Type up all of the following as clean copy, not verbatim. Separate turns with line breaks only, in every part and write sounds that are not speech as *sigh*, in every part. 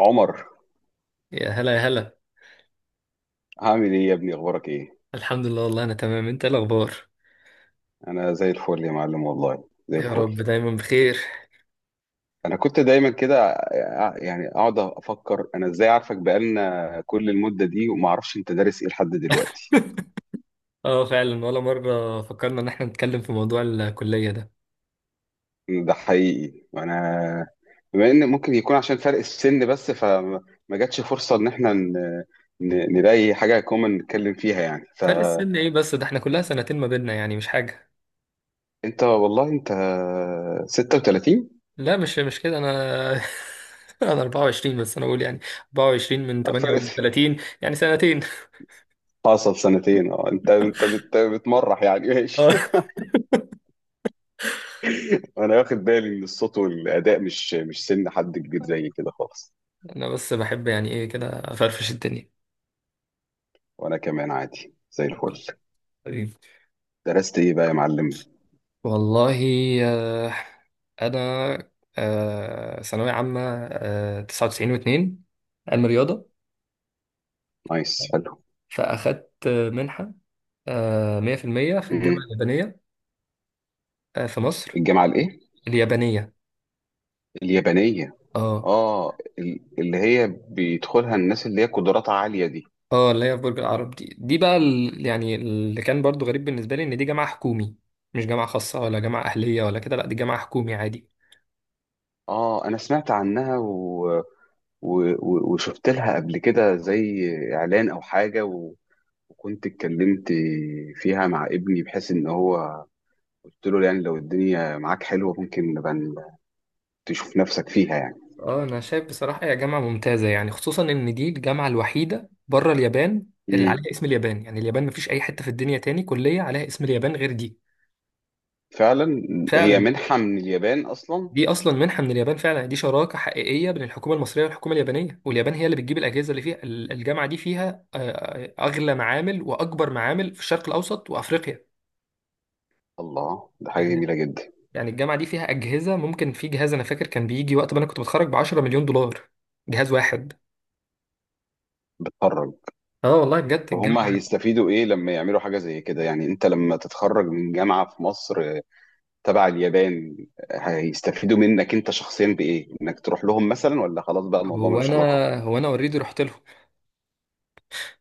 عمر،
يا هلا يا هلا.
هعمل ايه يا ابني؟ اخبارك ايه؟
الحمد لله، والله انا تمام. انت إيه الاخبار؟
انا زي الفل يا معلم، والله زي
يا
الفل.
رب دايما بخير.
انا كنت دايما كده. يعني اقعد افكر انا ازاي عارفك بقالنا كل المدة دي وما اعرفش انت دارس ايه لحد دلوقتي.
اه، فعلا ولا مره فكرنا ان احنا نتكلم في موضوع الكليه ده.
ده حقيقي، وانا بما ان ممكن يكون عشان فرق السن بس، فما ما جاتش فرصة ان احنا نلاقي حاجة كومن نتكلم فيها يعني،
فرق
فانت
السن ايه بس؟ ده احنا كلها سنتين ما بيننا، يعني مش حاجه.
والله انت 36.
لا، مش كده، انا *laughs* انا 24، بس انا بقول يعني 24 من
فرق،
38، يعني سنتين.
حصل سنتين. اه انت بتمرح يعني،
*laughs* اه،
ماشي. انا واخد بالي ان الصوت والاداء مش سن حد كبير زي كده خالص.
انا بس بحب يعني ايه كده افرفش الدنيا.
وانا كمان عادي زي الفل.
حبيبي.
درست ايه بقى يا معلم؟
والله آه، انا ثانويه عامه، 99 و2، علم رياضه.
نايس، حلو.
فأخدت منحة مية في المية في
م-م.
الجامعة اليابانية، في مصر.
الجامعه الايه؟
اليابانية،
اليابانيه.
اه.
اه اللي هي بيدخلها الناس اللي هي قدراتها عاليه دي؟
اه، اللي هي في برج العرب دي، يعني اللي كان برضو غريب بالنسبة لي إن دي جامعة حكومي. مش جامعة خاصة ولا جامعة أهلية ولا كده، لأ دي جامعة حكومي عادي.
اه انا سمعت عنها وشفت لها قبل كده، زي اعلان او حاجه، وكنت اتكلمت فيها مع ابني، بحيث ان هو قلت له يعني لو الدنيا معاك حلوه ممكن نبقى تشوف نفسك فيها يعني.
اه، أنا شايف بصراحة هي جامعة ممتازة، يعني خصوصا إن دي الجامعة الوحيدة بره اليابان اللي
امم.
عليها اسم اليابان. يعني اليابان مفيش أي حتة في الدنيا تاني كلية عليها اسم اليابان غير دي،
فعلا. هي
فعلا.
منحة من اليابان أصلا؟
دي اصلا منحه من اليابان، فعلا دي شراكه حقيقيه بين الحكومه المصريه والحكومه اليابانيه، واليابان هي اللي بتجيب الاجهزه اللي فيها. الجامعه دي فيها اغلى معامل واكبر معامل في الشرق الاوسط وافريقيا.
الله، ده حاجة
يعني
جميلة جدا.
الجامعه دي فيها اجهزه، ممكن في جهاز انا فاكر كان بيجي وقت ما انا كنت بتخرج ب 10 مليون دولار. جهاز واحد.
بتخرج؟
اه والله بجد
وهم
الجامعه.
هيستفيدوا إيه لما يعملوا حاجة زي كده يعني؟ أنت لما تتخرج من جامعة في مصر تبع اليابان، هيستفيدوا منك أنت شخصيا بإيه؟ إنك تروح لهم مثلا، ولا خلاص بقى الموضوع
هو
ملوش
انا
علاقة؟
هو انا اوريدي رحت لهم.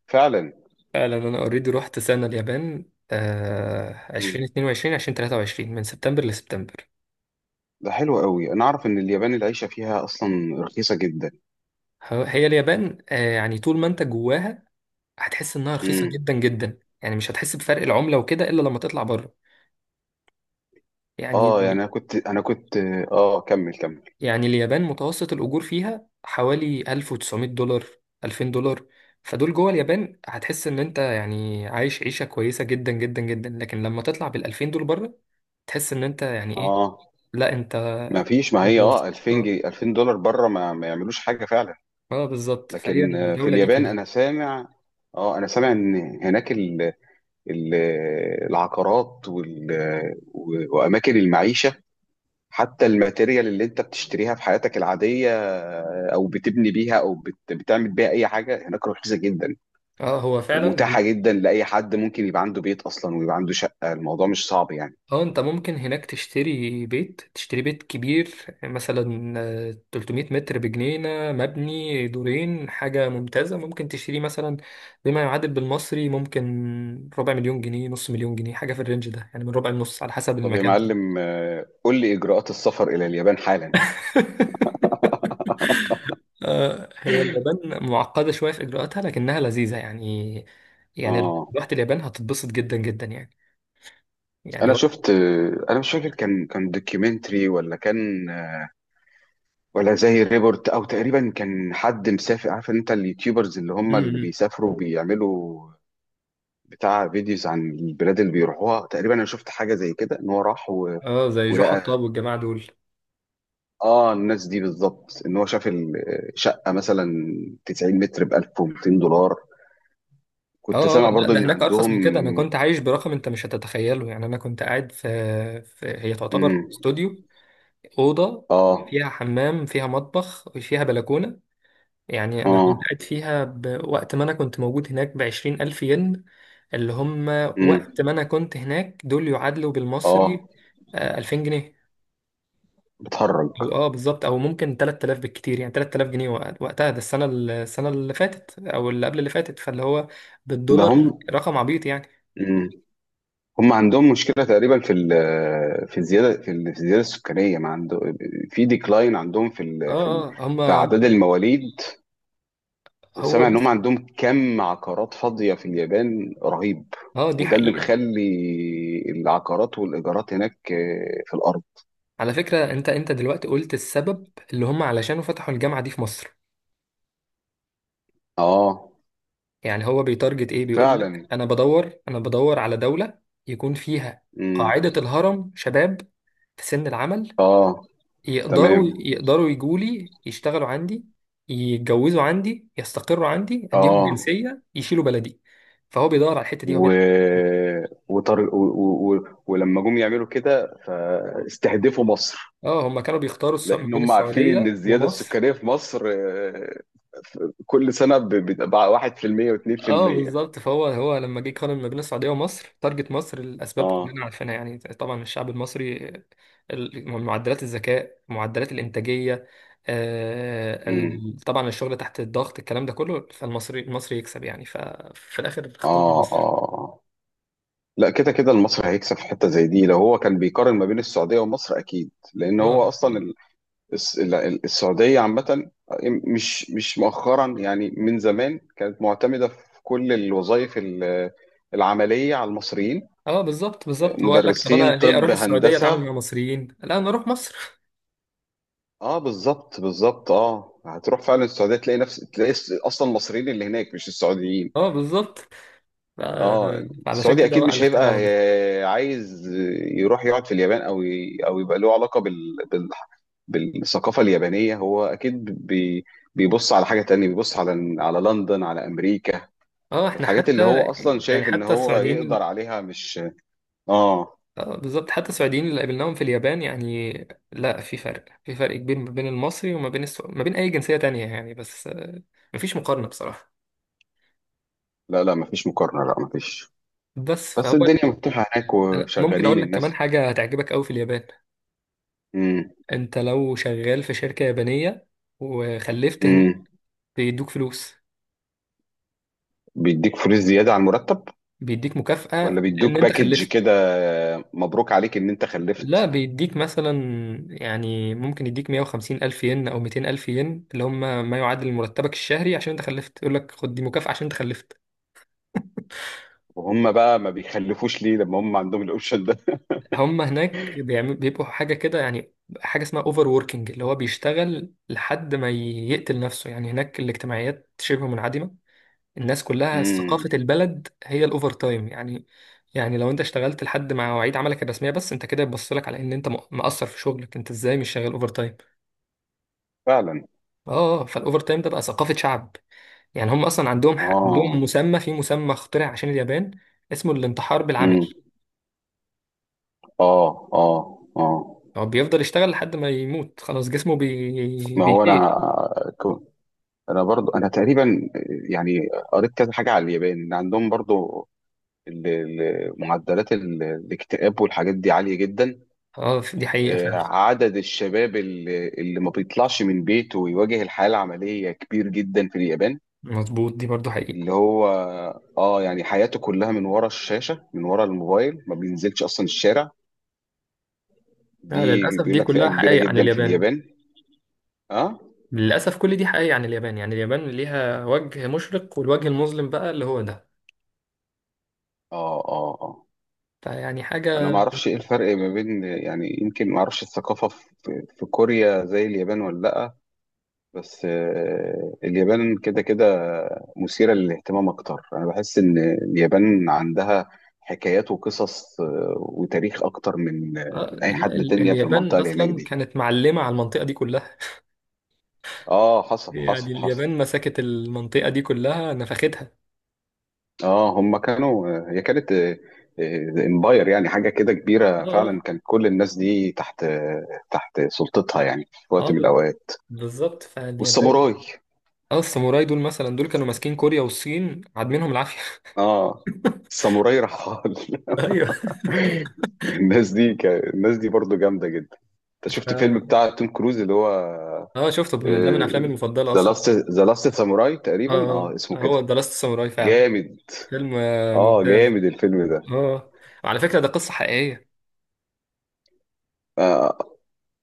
فعلا.
فعلا انا اوريدي رحت سنه اليابان،
امم.
2022 2023، من سبتمبر لسبتمبر.
ده حلو قوي. أنا أعرف إن اليابان العيشة فيها أصلا رخيصة جدا.
هي اليابان، يعني طول ما انت جواها هتحس انها رخيصه
امم.
جدا جدا، يعني مش هتحس بفرق العمله وكده الا لما تطلع بره. يعني
اه يعني، أنا كنت أنا كنت اه كمل، كمل.
اليابان متوسط الاجور فيها حوالي 1900 دولار، 2000 دولار. فدول جوه اليابان هتحس ان انت يعني عايش عيشه كويسه جدا جدا جدا، لكن لما تطلع بال 2000 دول بره تحس ان انت يعني ايه.
اه
لا انت
ما فيش، ما هي
متوسط.
2000
اه،
جنيه 2000 دولار بره ما يعملوش حاجه فعلا.
اه بالظبط، فهي
لكن في
الجوله دي
اليابان
كده.
انا سامع ان هناك ال العقارات، واماكن المعيشه، حتى الماتيريال اللي انت بتشتريها في حياتك العاديه، او بتبني بيها او بتعمل بيها اي حاجه، هناك رخيصه جدا.
اه هو فعلا.
ومتاحه جدا، لاي حد ممكن يبقى عنده بيت اصلا ويبقى عنده شقه. الموضوع مش صعب يعني.
اه، انت ممكن هناك تشتري بيت، تشتري بيت كبير مثلا 300 متر بجنينة مبني دورين، حاجة ممتازة ممكن تشتريه مثلا، بما يعادل بالمصري ممكن ربع مليون جنيه، نص مليون جنيه، حاجة في الرينج ده يعني، من ربع لنص على حسب
طب يا
المكان طبعا.
معلم، قول لي اجراءات السفر الى اليابان حالا.
*laughs*
*laughs*
هي اليابان معقدة شوية في إجراءاتها لكنها لذيذة، يعني لو
اه
رحت اليابان هتتبسط جدا جدا، يعني. يعني
انا
وقت
شفت، انا مش فاكر كان دوكيومنتري ولا كان، ولا زي ريبورت، او تقريبا كان حد مسافر. عارف انت اليوتيوبرز اللي هم اللي بيسافروا بيعملوا بتاع فيديوز عن البلاد اللي بيروحوها؟ تقريبا انا شفت حاجه زي كده، ان هو راح
اه، زي جو
ولقى،
حطاب والجماعة دول.
اه الناس دي بالظبط، ان هو شاف الشقه مثلا 90 متر ب 1200 دولار. كنت
اه، اه،
سامع
لا
برضو
ده
ان
هناك ارخص
عندهم.
من كده، انا كنت عايش برقم انت مش هتتخيله يعني. انا كنت قاعد في هي تعتبر
مم.
استوديو، اوضه
اه.
فيها حمام، فيها مطبخ وفيها بلكونه. يعني انا كنت
اه.
قاعد فيها بوقت ما انا كنت موجود هناك ب 20 الف ين، اللي هم
مم.
وقت ما انا كنت هناك دول يعادلوا
اه.
بالمصري 2000 جنيه.
بتهرج؟
او اه بالظبط، او ممكن 3000 بالكتير، يعني 3000 جنيه وقتها ده. السنه اللي فاتت او اللي قبل اللي فاتت، فاللي هو
ده هم
بالدولار رقم عبيط يعني.
هم عندهم مشكلة تقريبا في الزيادة، في الزيادة السكانية. ما عنده في ديكلاين عندهم
اه اه
في
هما
أعداد المواليد.
هو
وسامع إن هم
ده.
عندهم كم عقارات فاضية في اليابان رهيب.
اه دي
وده اللي
حقيقة.
مخلي العقارات والإيجارات هناك، في الأرض.
على فكرة، انت دلوقتي قلت السبب اللي هم علشانه فتحوا الجامعة دي في مصر.
آه.
يعني هو بيتارجت ايه؟ بيقول لك
فعلا.
انا بدور، انا بدور على دولة يكون فيها
مم.
قاعدة الهرم شباب، في سن العمل،
آه.
يقدروا
تمام.
يقدروا يجوا لي يشتغلوا عندي، يتجوزوا عندي، يستقروا عندي، اديهم
آه
جنسية يشيلوا بلدي. فهو بيدور على الحتة دي، هو
و...
بيعمل.
وطر... و... و... و... ولما جم يعملوا كده فاستهدفوا مصر.
اه، هم كانوا بيختاروا ما
لان
بين
هم عارفين ان
السعودية
الزياده
ومصر.
السكانيه في مصر، كل سنه بتبقى 1%
اه
و2%.
بالظبط، فهو لما جه يقارن ما بين السعوديه ومصر، تارجت مصر. الاسباب
اه.
كلنا عارفينها يعني، طبعا الشعب المصري، معدلات الذكاء، معدلات الانتاجيه،
امم.
طبعا الشغل تحت الضغط، الكلام ده كله، فالمصري المصري يكسب يعني، ففي الاخر اختار
اه،
مصر.
اه، لا، كده كده المصري هيكسب في حته زي دي، لو هو كان بيقارن ما بين السعوديه ومصر اكيد. لان
اه،
هو اصلا
اه
ال- السعوديه عامه مش مؤخرا يعني، من زمان كانت معتمده في كل الوظائف العمليه على المصريين.
اه بالظبط بالظبط، هو قال لك طب
مدرسين،
انا ليه
طب،
اروح السعوديه
هندسه.
اتعامل مع مصريين؟ لا انا اروح مصر.
اه، بالظبط، بالظبط، اه هتروح فعلا السعوديه تلاقي نفس، تلاقي اصلا المصريين اللي هناك، مش السعوديين.
*laughs* اه بالظبط. ف-
اه.
فعلشان
السعودي
كده
اكيد
بقى
مش
اللي
هيبقى
اختار على مصر.
عايز يروح يقعد في اليابان، او او يبقى له علاقه بالثقافه اليابانيه. هو اكيد بيبص على حاجه تانية، بيبص على لندن، على امريكا.
اه احنا
الحاجات اللي
حتى
هو اصلا
يعني
شايف ان
حتى
هو يقدر
السعوديين.
عليها، مش. اه،
اه بالظبط، حتى السعوديين اللي قابلناهم في اليابان يعني، لا في فرق، في فرق كبير ما بين المصري وما بين ما بين اي جنسية تانية يعني، بس مفيش مقارنة بصراحة.
لا، لا مفيش مقارنه، لا مفيش.
بس
بس
فهو،
الدنيا مفتوحه هناك
أنا ممكن
وشغالين
اقول لك كمان
الناس.
حاجة هتعجبك قوي في اليابان. انت لو شغال في شركة يابانية وخلفت هناك،
امم.
بيدوك فلوس،
بيديك فلوس زيادة على المرتب؟
بيديك
ولا
مكافأة لان
بيدوك
انت
باكج
خلفت.
كده، مبروك عليك ان انت
لا
خلفت؟
بيديك مثلا، يعني ممكن يديك 150 ألف ين أو 200 ألف ين، اللي هم ما يعادل مرتبك الشهري عشان أنت خلفت. يقول لك خد دي مكافأة عشان أنت خلفت.
وهم بقى ما بيخلفوش ليه لما هم عندهم الاوبشن ده؟ *laughs*
هم هناك بيبقوا حاجة كده يعني، حاجة اسمها اوفر ووركينج، اللي هو بيشتغل لحد ما يقتل نفسه يعني. هناك الاجتماعيات شبه منعدمة، الناس كلها
امم.
ثقافة البلد هي الاوفر تايم يعني. يعني لو انت اشتغلت لحد ما مواعيد عملك الرسمية بس، انت كده بتبص لك على ان انت مقصر في شغلك، انت ازاي مش شغال اوفر تايم؟
فعلا.
اه فالاوفر تايم ده بقى ثقافة شعب يعني. هم اصلا عندهم
اه.
مسمى، في مسمى اخترع عشان اليابان، اسمه الانتحار بالعمل.
امم. اه، اه. اه.
هو بيفضل يشتغل لحد ما يموت، خلاص جسمه
ما هو
بيفيل.
انا، كو- انا برضو تقريبا يعني قريت كذا حاجة على اليابان، ان عندهم برضو معدلات الاكتئاب والحاجات دي عالية جدا.
اه دي حقيقة فعلا.
عدد الشباب اللي ما بيطلعش من بيته ويواجه الحياة العملية كبير جدا في اليابان.
مظبوط دي برضو حقيقة.
اللي هو، اه يعني حياته كلها من ورا الشاشة، من ورا الموبايل، ما بينزلش أصلا الشارع.
لا
دي
للأسف
بيقول
دي
لك فئة
كلها
كبيرة
حقائق عن
جدا في
اليابان.
اليابان. اه،
للأسف كل دي حقائق عن اليابان. يعني اليابان ليها وجه مشرق والوجه المظلم بقى اللي هو ده،
اه، اه، اه.
فيعني
انا
حاجة.
ما اعرفش ايه الفرق ما بين، يعني يمكن ما اعرفش الثقافة في كوريا زي اليابان ولا لا. بس اليابان كده كده مثيرة للاهتمام أكتر. أنا بحس إن اليابان عندها حكايات وقصص، وتاريخ أكتر من آه،
آه
من أي
لا،
حد تاني في المنطقة
اليابان
اللي هناك
أصلا
دي.
كانت معلمة على المنطقة دي كلها.
آه، حصل،
يعني
حصل، حصل.
اليابان مسكت المنطقة دي كلها نفختها.
هم كانوا آه، هي كانت امباير يعني، حاجة كده كبيرة،
اه
فعلا كانت كل الناس دي تحت، تحت سلطتها يعني في
اه
وقت من
اه
الأوقات.
بالظبط، فاليابان.
والساموراي.
اه الساموراي دول مثلا، دول كانوا ماسكين كوريا والصين عادمينهم العافية.
آه الساموراي رحال.
*laughs* ايوه.
الناس دي برضو جامدة جدا. انت شفت فيلم
ف-
بتاع توم كروز اللي هو
اه شفته، من أفلامي المفضلة
ذا
أصلا.
لاست ذا لاست ساموراي
اه،
تقريبا، اسمه كده؟
هو ذا لاست ساموراي فعلا.
جامد.
فيلم
اه،
ممتاز.
جامد الفيلم ده.
اه، وعلى فكرة ده قصة حقيقية.
آه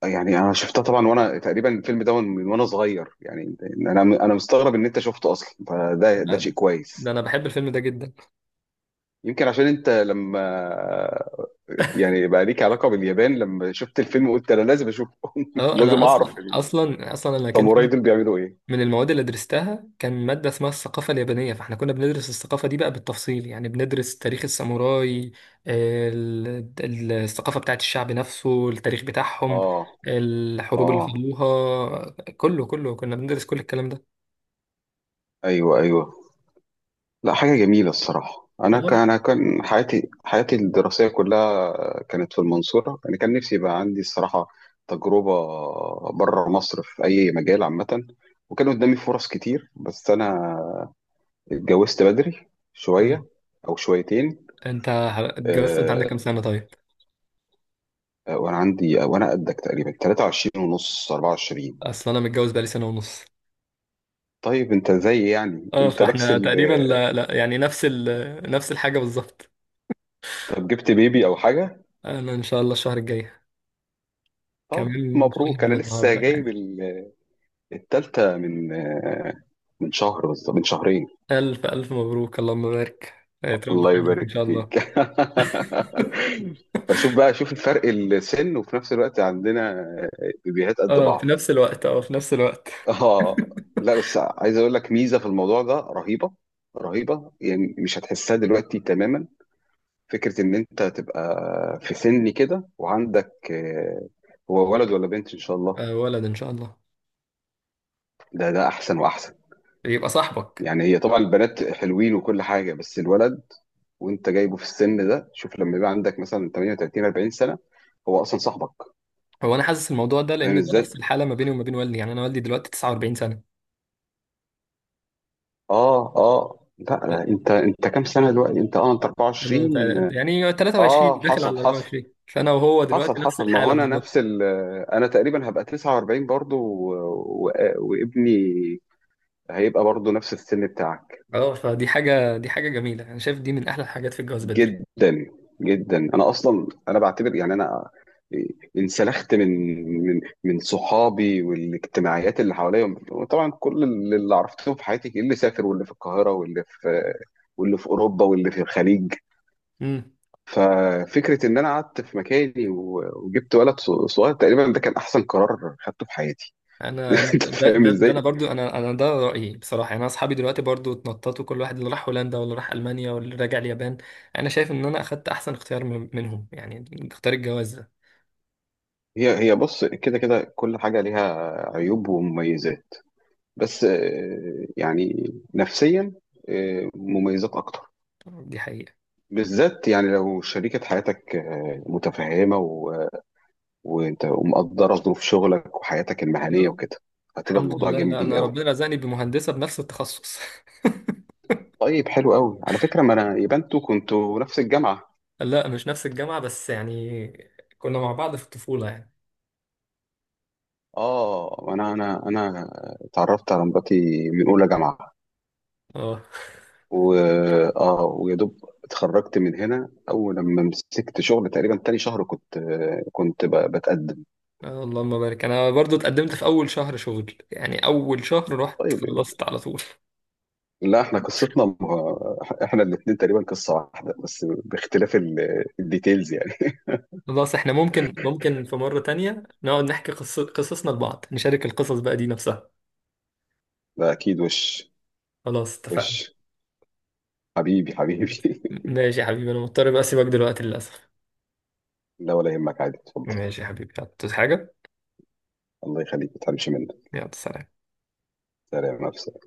يعني انا شفتها طبعا، وانا تقريبا الفيلم ده من وانا صغير يعني. انا مستغرب ان انت شفته اصلا، فده
لا،
شيء
ده
كويس.
انا بحب الفيلم ده جدا.
يمكن عشان انت لما، يعني بقى ليك علاقه باليابان، لما شفت الفيلم قلت انا لازم اشوفه. *laughs*
اه،
لازم
انا
اعرف.
اصلا اصلا اصلا انا كان
الساموراي
في
دول بيعملوا ايه؟
من المواد اللي درستها كان مادة اسمها الثقافة اليابانية، فاحنا كنا بندرس الثقافة دي بقى بالتفصيل، يعني بندرس تاريخ الساموراي، الثقافة بتاعت الشعب نفسه، التاريخ بتاعهم،
اه،
الحروب اللي
اه.
خدوها، كله كله كنا بندرس كل الكلام ده.
ايوه، ايوه. لا، حاجه جميله الصراحه. انا كان
تمام.
انا كان حياتي الدراسيه كلها كانت في المنصوره. انا كان نفسي يبقى عندي الصراحه تجربه بره مصر في اي مجال عامه. وكان قدامي فرص كتير، بس انا اتجوزت بدري
آه.
شويه، او شويتين.
انت اتجوزت، انت عندك
آه
كام سنة طيب؟
وانا قدك تقريبا، 23 ونص، 24.
اصل انا متجوز بقالي سنه ونص.
طيب، انت زي يعني
اه
انت نفس
فاحنا
ال.
تقريبا، لا لا يعني نفس نفس الحاجه بالظبط.
طب جبت بيبي او حاجه؟
انا ان شاء الله الشهر الجاي،
طب
كمان شهر
مبروك، انا
من
لسه
النهارده
جايب
يعني.
التالتة من شهر بالظبط، من شهرين.
الف الف مبروك، اللهم بارك. تربى في
الله
حياتك ان
يبارك
شاء الله.
فيك. *laughs* فشوف بقى، شوف الفرق السن، وفي نفس الوقت عندنا بيبيهات قد
اه في
بعض.
نفس الوقت، اه في نفس الوقت.
اه. لا بس عايز اقول لك ميزة في الموضوع ده رهيبة، رهيبة يعني مش هتحسها دلوقتي تماما. فكرة ان انت تبقى في سن كده وعندك، هو ولد ولا بنت ان شاء الله؟
آه ولد ان شاء الله،
ده احسن واحسن.
يبقى صاحبك.
يعني هي طبعا البنات حلوين وكل حاجه، بس الولد وانت جايبه في السن ده، شوف لما يبقى عندك مثلا 38، 40 سنه، هو اصلا صاحبك.
هو انا حاسس الموضوع ده
فاهم
لان ده
ازاي؟
نفس الحاله ما بيني وما بين والدي، يعني انا والدي دلوقتي 49 سنه.
اه، اه، لا، لا،
لا
انت كام سنه دلوقتي؟ انت
انا
24.
يعني 23
اه،
داخل
حصل،
على
حصل،
24، فانا وهو دلوقتي
حصل،
نفس
حصل. ما هو
الحاله
انا
بالظبط.
نفس ال، انا تقريبا هبقى 49 برضو، وابني هيبقى برضو نفس السن بتاعك.
اه فدي حاجه، دي حاجه جميله، انا شايف دي من احلى الحاجات في الجواز بدري.
جدا، جدا. انا اصلا، انا بعتبر يعني انا انسلخت من صحابي والاجتماعيات اللي حواليا. طبعا كل اللي عرفتهم في حياتي، اللي سافر واللي في القاهره واللي في اوروبا واللي في الخليج.
امم.
ففكره ان انا قعدت في مكاني، وجبت ولد صغير تقريبا، ده كان احسن قرار خدته في حياتي.
انا انا
*laughs* انت
ده,
فاهم
ده, ده
ازاي؟
انا برضو انا انا ده رايي بصراحه يعني. انا اصحابي دلوقتي برضو اتنططوا، كل واحد اللي راح هولندا واللي راح المانيا واللي راجع اليابان. انا شايف ان انا اخدت احسن اختيار منهم يعني، اختيار الجواز ده.
هي بص، كده كده كل حاجه ليها عيوب ومميزات. بس يعني نفسيا، مميزات اكتر.
دي حقيقه.
بالذات يعني، لو شريكة حياتك متفهمة وانت، ومقدرة ظروف شغلك وحياتك المهنية
لا
وكده، هتبقى
الحمد
الموضوع
لله، لا
جميل
انا
قوي.
ربنا رزقني بمهندسه بنفس التخصص.
طيب، حلو قوي. على فكرة، ما انا يبقى انتوا كنتوا نفس الجامعة.
*laughs* لا مش نفس الجامعه، بس يعني كنا مع بعض في الطفوله يعني.
اه، انا اتعرفت على مراتي من اولى جامعة.
اه،
و اه ويا دوب اتخرجت من هنا. اول لما مسكت شغل، تقريبا تاني شهر كنت بتقدم.
اللهم بارك. انا برضو اتقدمت في اول شهر شغل، يعني اول شهر رحت
طيب.
خلصت على طول.
لا، احنا قصتنا ما... احنا الاثنين تقريبا قصة واحدة، بس باختلاف الديتيلز يعني.
خلاص احنا ممكن في مرة تانية نقعد نحكي قصصنا لبعض، نشارك القصص بقى دي نفسها.
*laughs* ده اكيد، وش،
خلاص اتفقنا.
وش، حبيبي، حبيبي.
ماشي يا حبيبي، انا مضطر بقى اسيبك دلوقتي للاسف.
*laughs* لا، ولا يهمك، عادي، اتفضل.
ماشي يا حبيبي، يلا، عاوز حاجة؟
الله يخليك، ما تحرمش منك.
يلا سلام.
سلام.